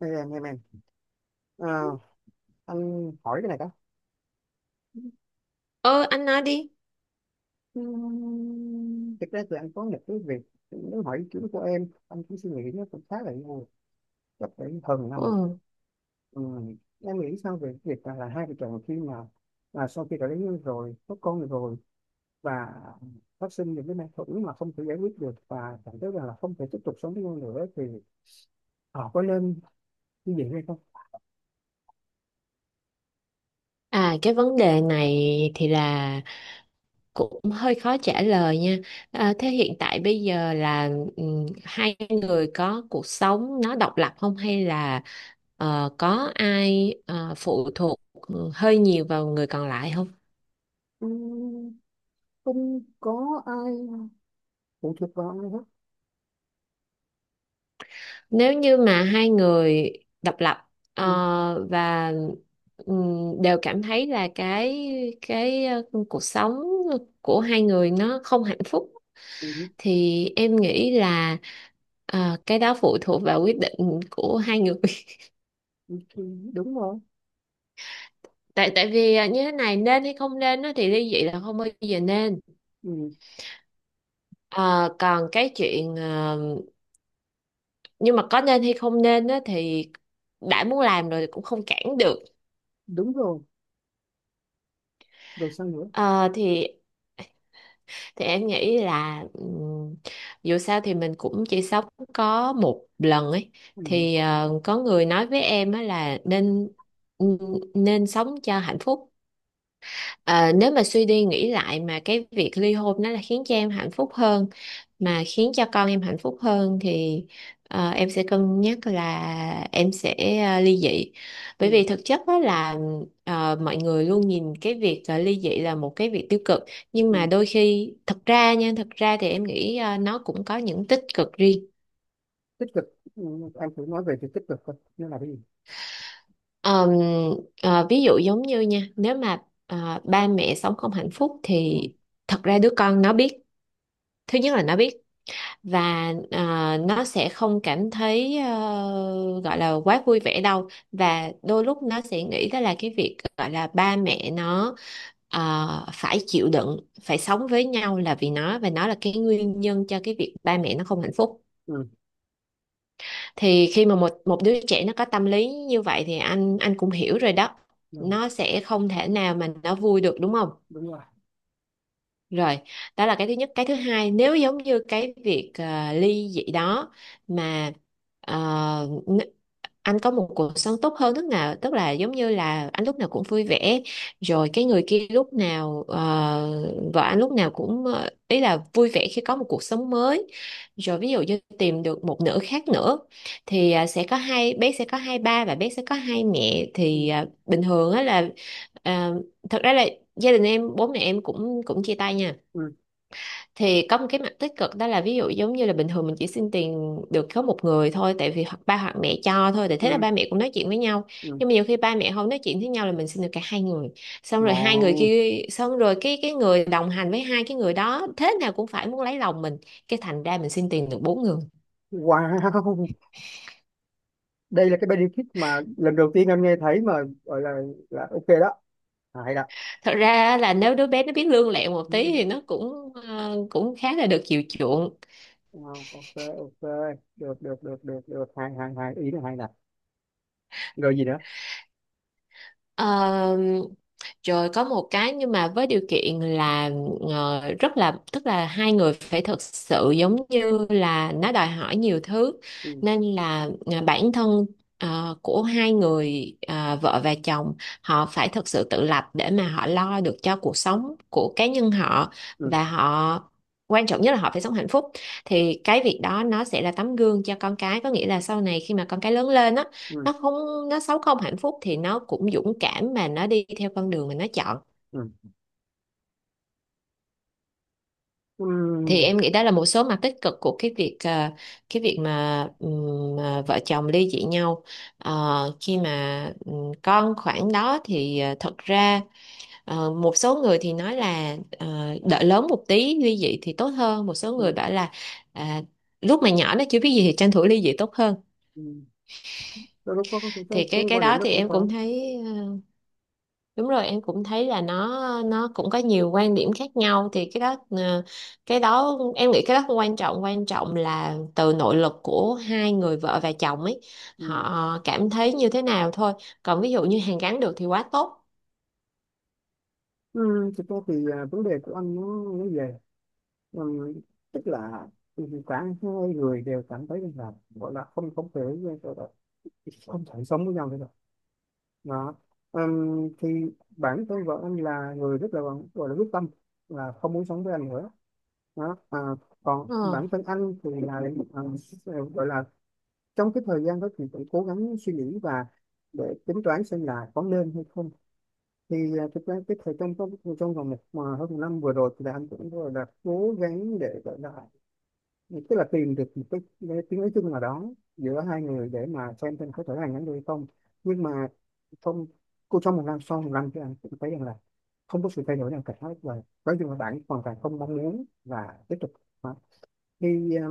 Đây em. Ờ, anh hỏi cái này đó. Ờ anh nói đi. Thực ra thì anh có một cái việc muốn hỏi ý kiến của em, anh cũng suy nghĩ nó cũng khá là lâu, chắc phải hơn năm rồi. Ừ. Ừm, em nghĩ sao về cái việc là hai vợ chồng khi mà là sau khi đã lấy nhau rồi, có con rồi, và phát sinh những cái mâu thuẫn mà không thể giải quyết được và cảm thấy rằng là không thể tiếp tục sống với nhau nữa thì họ có nên như vậy hay không? Cái vấn đề này thì là cũng hơi khó trả lời nha. Thế hiện tại bây giờ là hai người có cuộc sống nó độc lập không hay là có ai phụ thuộc hơi nhiều vào người còn lại không? Ừm, Không có ai phụ thuộc vào ai hết. Nếu như mà hai người độc lập Ừm, và đều cảm thấy là cái cuộc sống của hai người nó không hạnh phúc ừm, thì em nghĩ là cái đó phụ thuộc vào quyết định của hai người. Đúng rồi. Tại tại vì như thế này nên hay không nên á, thì ly dị là không bao giờ nên. Ừ, Ờ, còn cái chuyện ờ, Nhưng mà có nên hay không nên á, thì đã muốn làm rồi thì cũng không cản được. đúng rồi. Rồi sao nữa? Ờ, thì em nghĩ là dù sao thì mình cũng chỉ sống có một lần ấy, Ừ. thì có người nói với em á là nên nên sống cho hạnh phúc. Ờ, Nếu mà suy đi nghĩ lại mà cái việc ly hôn nó là khiến cho em hạnh phúc hơn mà khiến cho con em hạnh phúc hơn, thì em sẽ cân nhắc là em sẽ ly dị, bởi Ừ. vì thực chất đó là, mọi người luôn nhìn cái việc ly dị là một cái việc tiêu cực, nhưng mà Ừ. đôi khi thật ra thì em nghĩ nó cũng có những tích cực riêng. Tích cực. Ừ, anh thử nói về việc tích cực coi nó là cái gì. Ờm, Ví dụ giống như nha, nếu mà ba mẹ sống không hạnh phúc thì Ừ. thật ra đứa con nó biết. Thứ nhất là nó biết, và nó sẽ không cảm thấy gọi là quá vui vẻ đâu, và đôi lúc nó sẽ nghĩ đó là cái việc gọi là ba mẹ nó phải chịu đựng phải sống với nhau là vì nó, và nó là cái nguyên nhân cho cái việc ba mẹ nó không hạnh phúc. Ừ. Thì khi mà một một đứa trẻ nó có tâm lý như vậy thì anh cũng hiểu rồi đó, Rồi, nó sẽ không thể nào mà nó vui được, đúng không? đúng rồi. Rồi, đó là cái thứ nhất. Cái thứ hai, nếu giống như cái việc ly dị đó, mà ờ, n- anh có một cuộc sống tốt hơn lúc nào, tức là giống như là anh lúc nào cũng vui vẻ, rồi cái người kia lúc nào, vợ anh lúc nào cũng, ý là vui vẻ khi có một cuộc sống mới. Rồi ví dụ như tìm được một nửa khác nữa, thì sẽ có hai, bé sẽ có hai ba và bé sẽ có hai mẹ. Ừ. Thì bình thường á là ờ, thật ra là gia đình em, bố mẹ em cũng cũng chia tay nha, Ừ. thì có một cái mặt tích cực đó là, ví dụ giống như là bình thường mình chỉ xin tiền được có một người thôi, tại vì hoặc ba hoặc mẹ cho thôi, thì thế Ừ. là ba mẹ cũng nói chuyện với nhau. Ừ. Nhưng mà nhiều khi ba mẹ không nói chuyện với nhau là mình xin được cả hai người, xong rồi hai người Ngon. kia, xong rồi cái người đồng hành với hai cái người đó thế nào cũng phải muốn lấy lòng mình, cái thành ra mình xin tiền được bốn người. Wow, đây là cái benefit mà lần đầu tiên anh nghe thấy mà, gọi là ok đó. À, hay đó. Thật ra là nếu đứa bé nó biết lương lẹo một tí Ừ, thì nó cũng khá là được chiều chuộng. wow, ok ok, được được được được được, hay hay hay, ý là hay nè. Rồi gì nữa? Ờ, Rồi có một cái, nhưng mà với điều kiện là rất là, tức là hai người phải thật sự, giống như là nó đòi hỏi nhiều thứ, Ừ. nên là bản thân của hai người vợ và chồng, họ phải thật sự tự lập để mà họ lo được cho cuộc sống của cá nhân họ. Ừ. Và họ, quan trọng nhất là họ phải sống hạnh phúc, thì cái việc đó nó sẽ là tấm gương cho con cái, có nghĩa là sau này khi mà con cái lớn lên á, Ừ. Nó sống không hạnh phúc thì nó cũng dũng cảm mà nó đi theo con đường mà nó chọn. Ừ. Ừ. Thì em nghĩ đó là một số mặt tích cực của cái việc cái việc mà vợ chồng ly dị nhau. Khi mà con khoảng đó thì thật ra một số người thì nói là đợi lớn một tí ly dị thì tốt hơn, một số Ừ. người bảo là à, lúc mà nhỏ nó chưa biết gì thì tranh thủ ly dị tốt hơn. Ừ. Đôi lúc có Thì cái cái quan điểm đó nó thì cũng em có. cũng thấy đúng rồi, em cũng thấy là nó cũng có nhiều quan điểm khác nhau, thì cái đó cái đó em nghĩ cái đó không quan trọng, quan trọng là từ nội lực của hai người vợ và chồng ấy, Ừ. họ cảm thấy như thế nào thôi. Còn ví dụ như hàn gắn được thì quá tốt. Ừ, thực ra thì vấn đề của anh nó về, ừ, tức là cả hai người đều cảm thấy là gọi là không, không thể gọi là không thể sống với nhau nữa rồi. Đó. Thì bản thân vợ anh là người rất là gọi là quyết tâm là không muốn sống với anh nữa. Đó. Còn Ờ, bản thân anh thì là, à, gọi là trong cái thời gian đó thì cũng cố gắng suy nghĩ và để tính toán xem là có nên hay không. Thì thực ra cái thời trong trong trong vòng một mà hơn một năm vừa rồi thì là anh cũng gọi là cố gắng để gọi là tức là tìm được một cái tiếng nói chung nào đó giữa hai người để mà xem có thể là nhắn được hay không. Nhưng mà trong cô trong một năm sau một năm thì anh cũng thấy rằng là không có sự thay đổi nào cả hết, và nói chung là bạn hoàn toàn không mong muốn và tiếp tục. Đó. Thì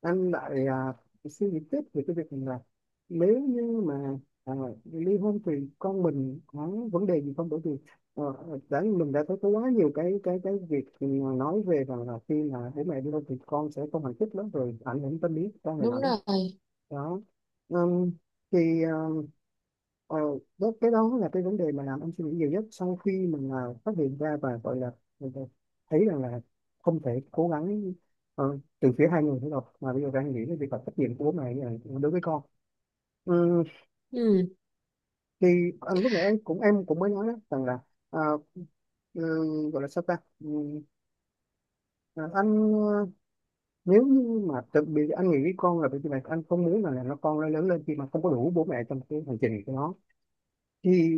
anh lại, suy nghĩ tiếp về cái việc là nếu như mà, à, ly hôn thì con mình có vấn đề gì không, bởi vì ờ, đã mình đã thấy có quá nhiều cái cái việc mà nói về rằng là khi mà bố mẹ ly hôn thì con sẽ không hạnh phúc lắm rồi ảnh hưởng tâm lý cho người nào Đúng đó. rồi. Đó. Ừm, thì ờm, ờ, Đó, cái đó là cái vấn đề mà làm anh suy nghĩ nhiều nhất sau khi mình phát hiện ra và gọi là mình, thấy rằng là không thể cố gắng từ phía hai người nữa đâu mà bây giờ đang nghĩ đến việc là trách nhiệm của bố mẹ đối với con. Ừm, Ừ. thì anh lúc nãy em cũng mới nói đó, rằng là ờ, gọi là sao ta. Ờ, anh, nếu như mà tự bị anh nghĩ con là bởi vì là anh không muốn là con nó lớn lên khi mà không có đủ bố mẹ trong cái hành trình của nó thì,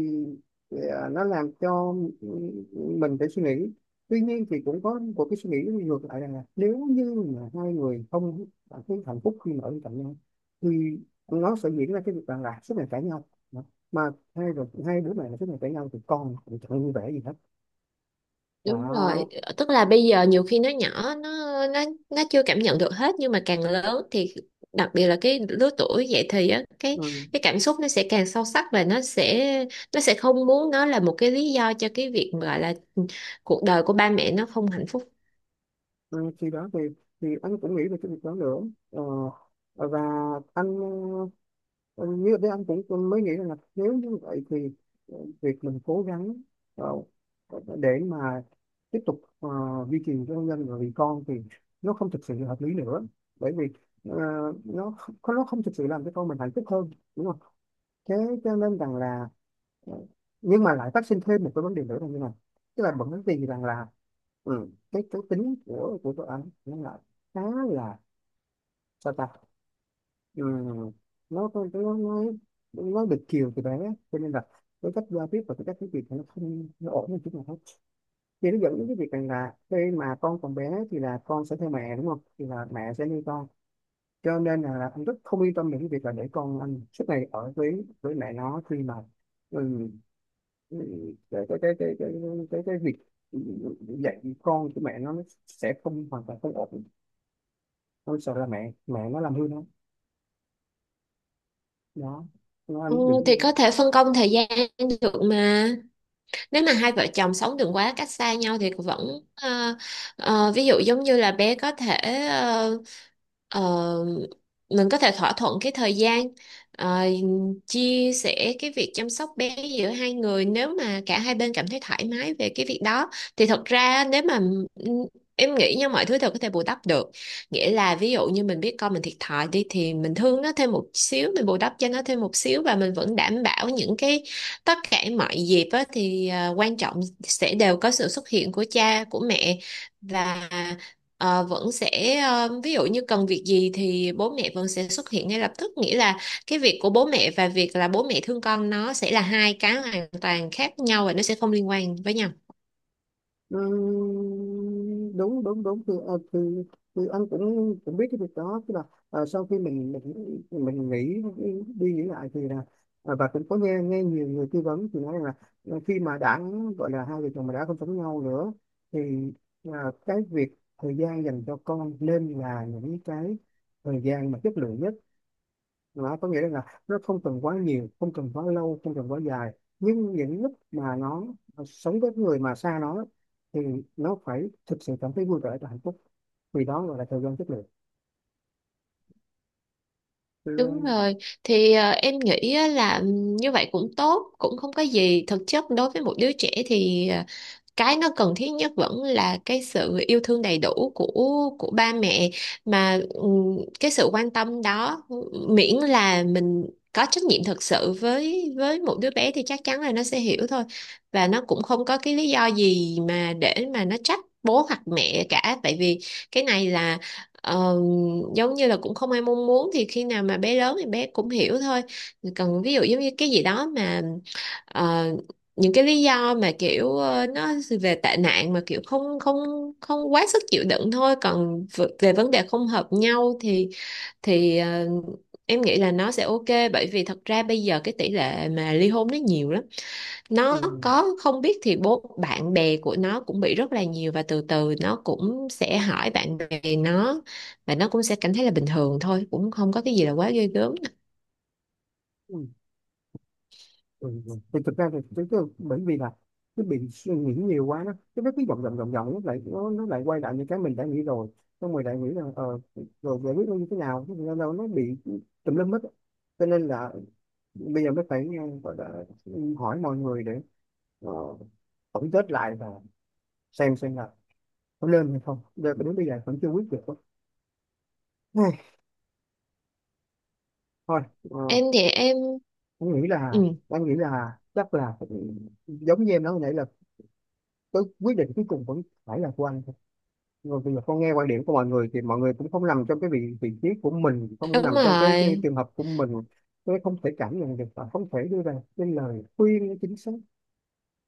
nó làm cho mình phải suy nghĩ. Tuy nhiên thì cũng có một cái suy nghĩ ngược lại rằng là nếu như mà hai người không cảm thấy hạnh phúc khi mà ở bên cạnh nhau thì nó sẽ diễn ra cái việc rằng là suốt ngày cãi nhau. Đó. Mà hai rồi hai đứa này là suốt ngày cãi nhau thì con cũng chẳng vui vẻ gì hết. Đúng rồi, Đó. tức là bây giờ nhiều khi nó nhỏ, nó chưa cảm nhận được hết, nhưng mà càng lớn thì, đặc biệt là cái lứa tuổi dậy thì á, cái Ừ. cái cảm xúc nó sẽ càng sâu sắc và nó sẽ không muốn nó là một cái lý do cho cái việc mà gọi là cuộc đời của ba mẹ nó không hạnh phúc. Ừ. Khi đó thì anh cũng nghĩ về cái việc đó nữa. ờ, và anh, Ừ, như thế anh cũng cũng mới nghĩ là nếu như vậy thì việc mình cố gắng, ờ, để mà tiếp tục duy trì cho hôn nhân và vì con thì nó không thực sự là hợp lý nữa, bởi vì ờ, nó không thực sự làm cho con mình hạnh phúc hơn, đúng không? Thế cho nên rằng là, ờ, nhưng mà lại phát sinh thêm một cái vấn đề nữa là như này, tức là bởi vì rằng là ừ, cái tính của tụi anh nó là khá là sao ta. Ừ. nó nó được chiều từ bé cho nên là cái cách giao tiếp và cái cách nói chuyện thì nó không nó ổn hơn chút nào hết. Thì nó dẫn đến cái việc rằng là khi mà con còn bé thì là con sẽ theo mẹ, đúng không, thì là mẹ sẽ nuôi con. Cho nên là anh rất không yên tâm về cái việc là để con anh suốt ngày ở với mẹ nó khi mà, ừ, ừ, cái, cái, cái, cái, cái, cái việc dạy con của mẹ nó sẽ không hoàn toàn không ổn. Tôi sợ là mẹ mẹ nó làm hư nó. Đó. Nó Ừ, anh thì có đừng. thể phân công thời gian được mà. Nếu mà hai vợ chồng sống đừng quá cách xa nhau thì vẫn ví dụ giống như là bé có thể ờ, ờ, mình có thể thỏa thuận cái thời gian, ờ, chia sẻ cái việc chăm sóc bé giữa hai người, nếu mà cả hai bên cảm thấy thoải mái về cái việc đó, thì thật ra nếu mà em nghĩ nha, mọi thứ đều có thể bù đắp được, nghĩa là ví dụ như mình biết con mình thiệt thòi đi thì mình thương nó thêm một xíu, mình bù đắp cho nó thêm một xíu, và mình vẫn đảm bảo những cái, tất cả mọi dịp á, thì quan trọng sẽ đều có sự xuất hiện của cha của mẹ, và vẫn sẽ, ví dụ như cần việc gì thì bố mẹ vẫn sẽ xuất hiện ngay lập tức, nghĩa là cái việc của bố mẹ và việc là bố mẹ thương con nó sẽ là hai cái hoàn toàn khác nhau và nó sẽ không liên quan với nhau. Đúng đúng đúng thì, thì anh cũng cũng biết cái việc đó, tức là sau khi mình nghĩ đi nghĩ lại thì là và cũng có nghe nghe nhiều người tư vấn thì nói là khi mà đã gọi là hai vợ chồng mà đã không sống nhau nữa thì cái việc thời gian dành cho con nên là những cái thời gian mà chất lượng nhất. Đó có nghĩa là nó không cần quá nhiều, không cần quá lâu, không cần quá dài, nhưng những lúc mà nó sống với người mà xa nó thì nó phải thực sự cảm thấy vui vẻ và hạnh phúc, vì đó gọi là thời gian chất lượng. Thì, Đúng rồi, thì em nghĩ á là như vậy cũng tốt, cũng không có gì. Thực chất đối với một đứa trẻ thì cái nó cần thiết nhất vẫn là cái sự yêu thương đầy đủ của ba mẹ, mà cái sự quan tâm đó, miễn là mình có trách nhiệm thực sự với một đứa bé thì chắc chắn là nó sẽ hiểu thôi, và nó cũng không có cái lý do gì mà để mà nó trách bố hoặc mẹ cả, tại vì cái này là, Ờ, giống như là cũng không ai mong muốn, thì khi nào mà bé lớn thì bé cũng hiểu thôi. Còn ví dụ giống như cái gì đó mà ờ, những cái lý do mà kiểu nó về tệ nạn mà kiểu không không không quá sức chịu đựng thôi, còn về vấn đề không hợp nhau thì thì ờ, em nghĩ là nó sẽ ok, bởi vì thật ra bây giờ cái tỷ lệ mà ly hôn nó nhiều lắm, nó ừ, có không biết thì bố bạn bè của nó cũng bị rất là nhiều, và từ từ nó cũng sẽ hỏi bạn bè nó, và nó cũng sẽ cảm thấy là bình thường thôi, cũng không có cái gì là quá ghê gớm. ừ, ừ, ừ. Thì thực ra thì tôi bởi vì là cứ bị suy nghĩ nhiều quá nó cái nó cứ vòng vòng vòng vòng nó lại nó lại quay lại những cái mình đã nghĩ rồi. Xong rồi lại nghĩ là rồi giải quyết nó như thế nào, thế là đâu nó bị tùm lum hết á. Cho nên là bây giờ mới phải gọi là ừ, hỏi mọi người để ờ, tổng kết lại và xem là có lên hay không, giờ đến bây giờ vẫn chưa quyết được. Thôi. ờ, Em thì em, anh nghĩ là ừ, anh nghĩ là chắc là phải- giống như em nói hồi nãy là cái quyết định cuối cùng vẫn phải là của anh thôi. Rồi bây giờ con nghe quan điểm của mọi người thì mọi người cũng không nằm trong cái vị vị trí của mình, không có đúng nằm trong cái rồi. trường hợp của mình. Tôi không thể cảm nhận được và không thể đưa ra cái lời khuyên chính xác.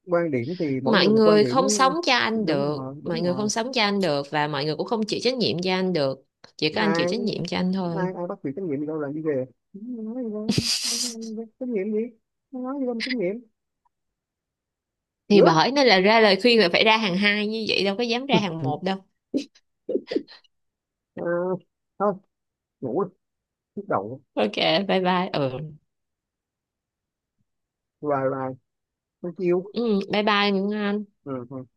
Quan điểm thì mỗi Mọi người một quan người điểm. không sống cho anh Đúng được, rồi đúng mọi người không rồi. sống cho anh được, và mọi người cũng không chịu trách nhiệm cho anh được, chỉ có anh chịu Ai trách nhiệm cho anh thôi. ai Ai bắt việc trách nhiệm gì đâu, làm đi về. Nói gì đâu. Trách nhiệm gì. Nói gì đâu mà trách nhiệm. Thì Gớp. bởi nên là ra lời khuyên là phải ra hàng hai như vậy, đâu có dám ra hàng Ừ. một đâu. À, thôi, ngủ đi, nhức đầu. OK, bye bye. Ừ, Hoài hoài không chịu. ừ bye bye Ngân Anh. Ừ. Ừ.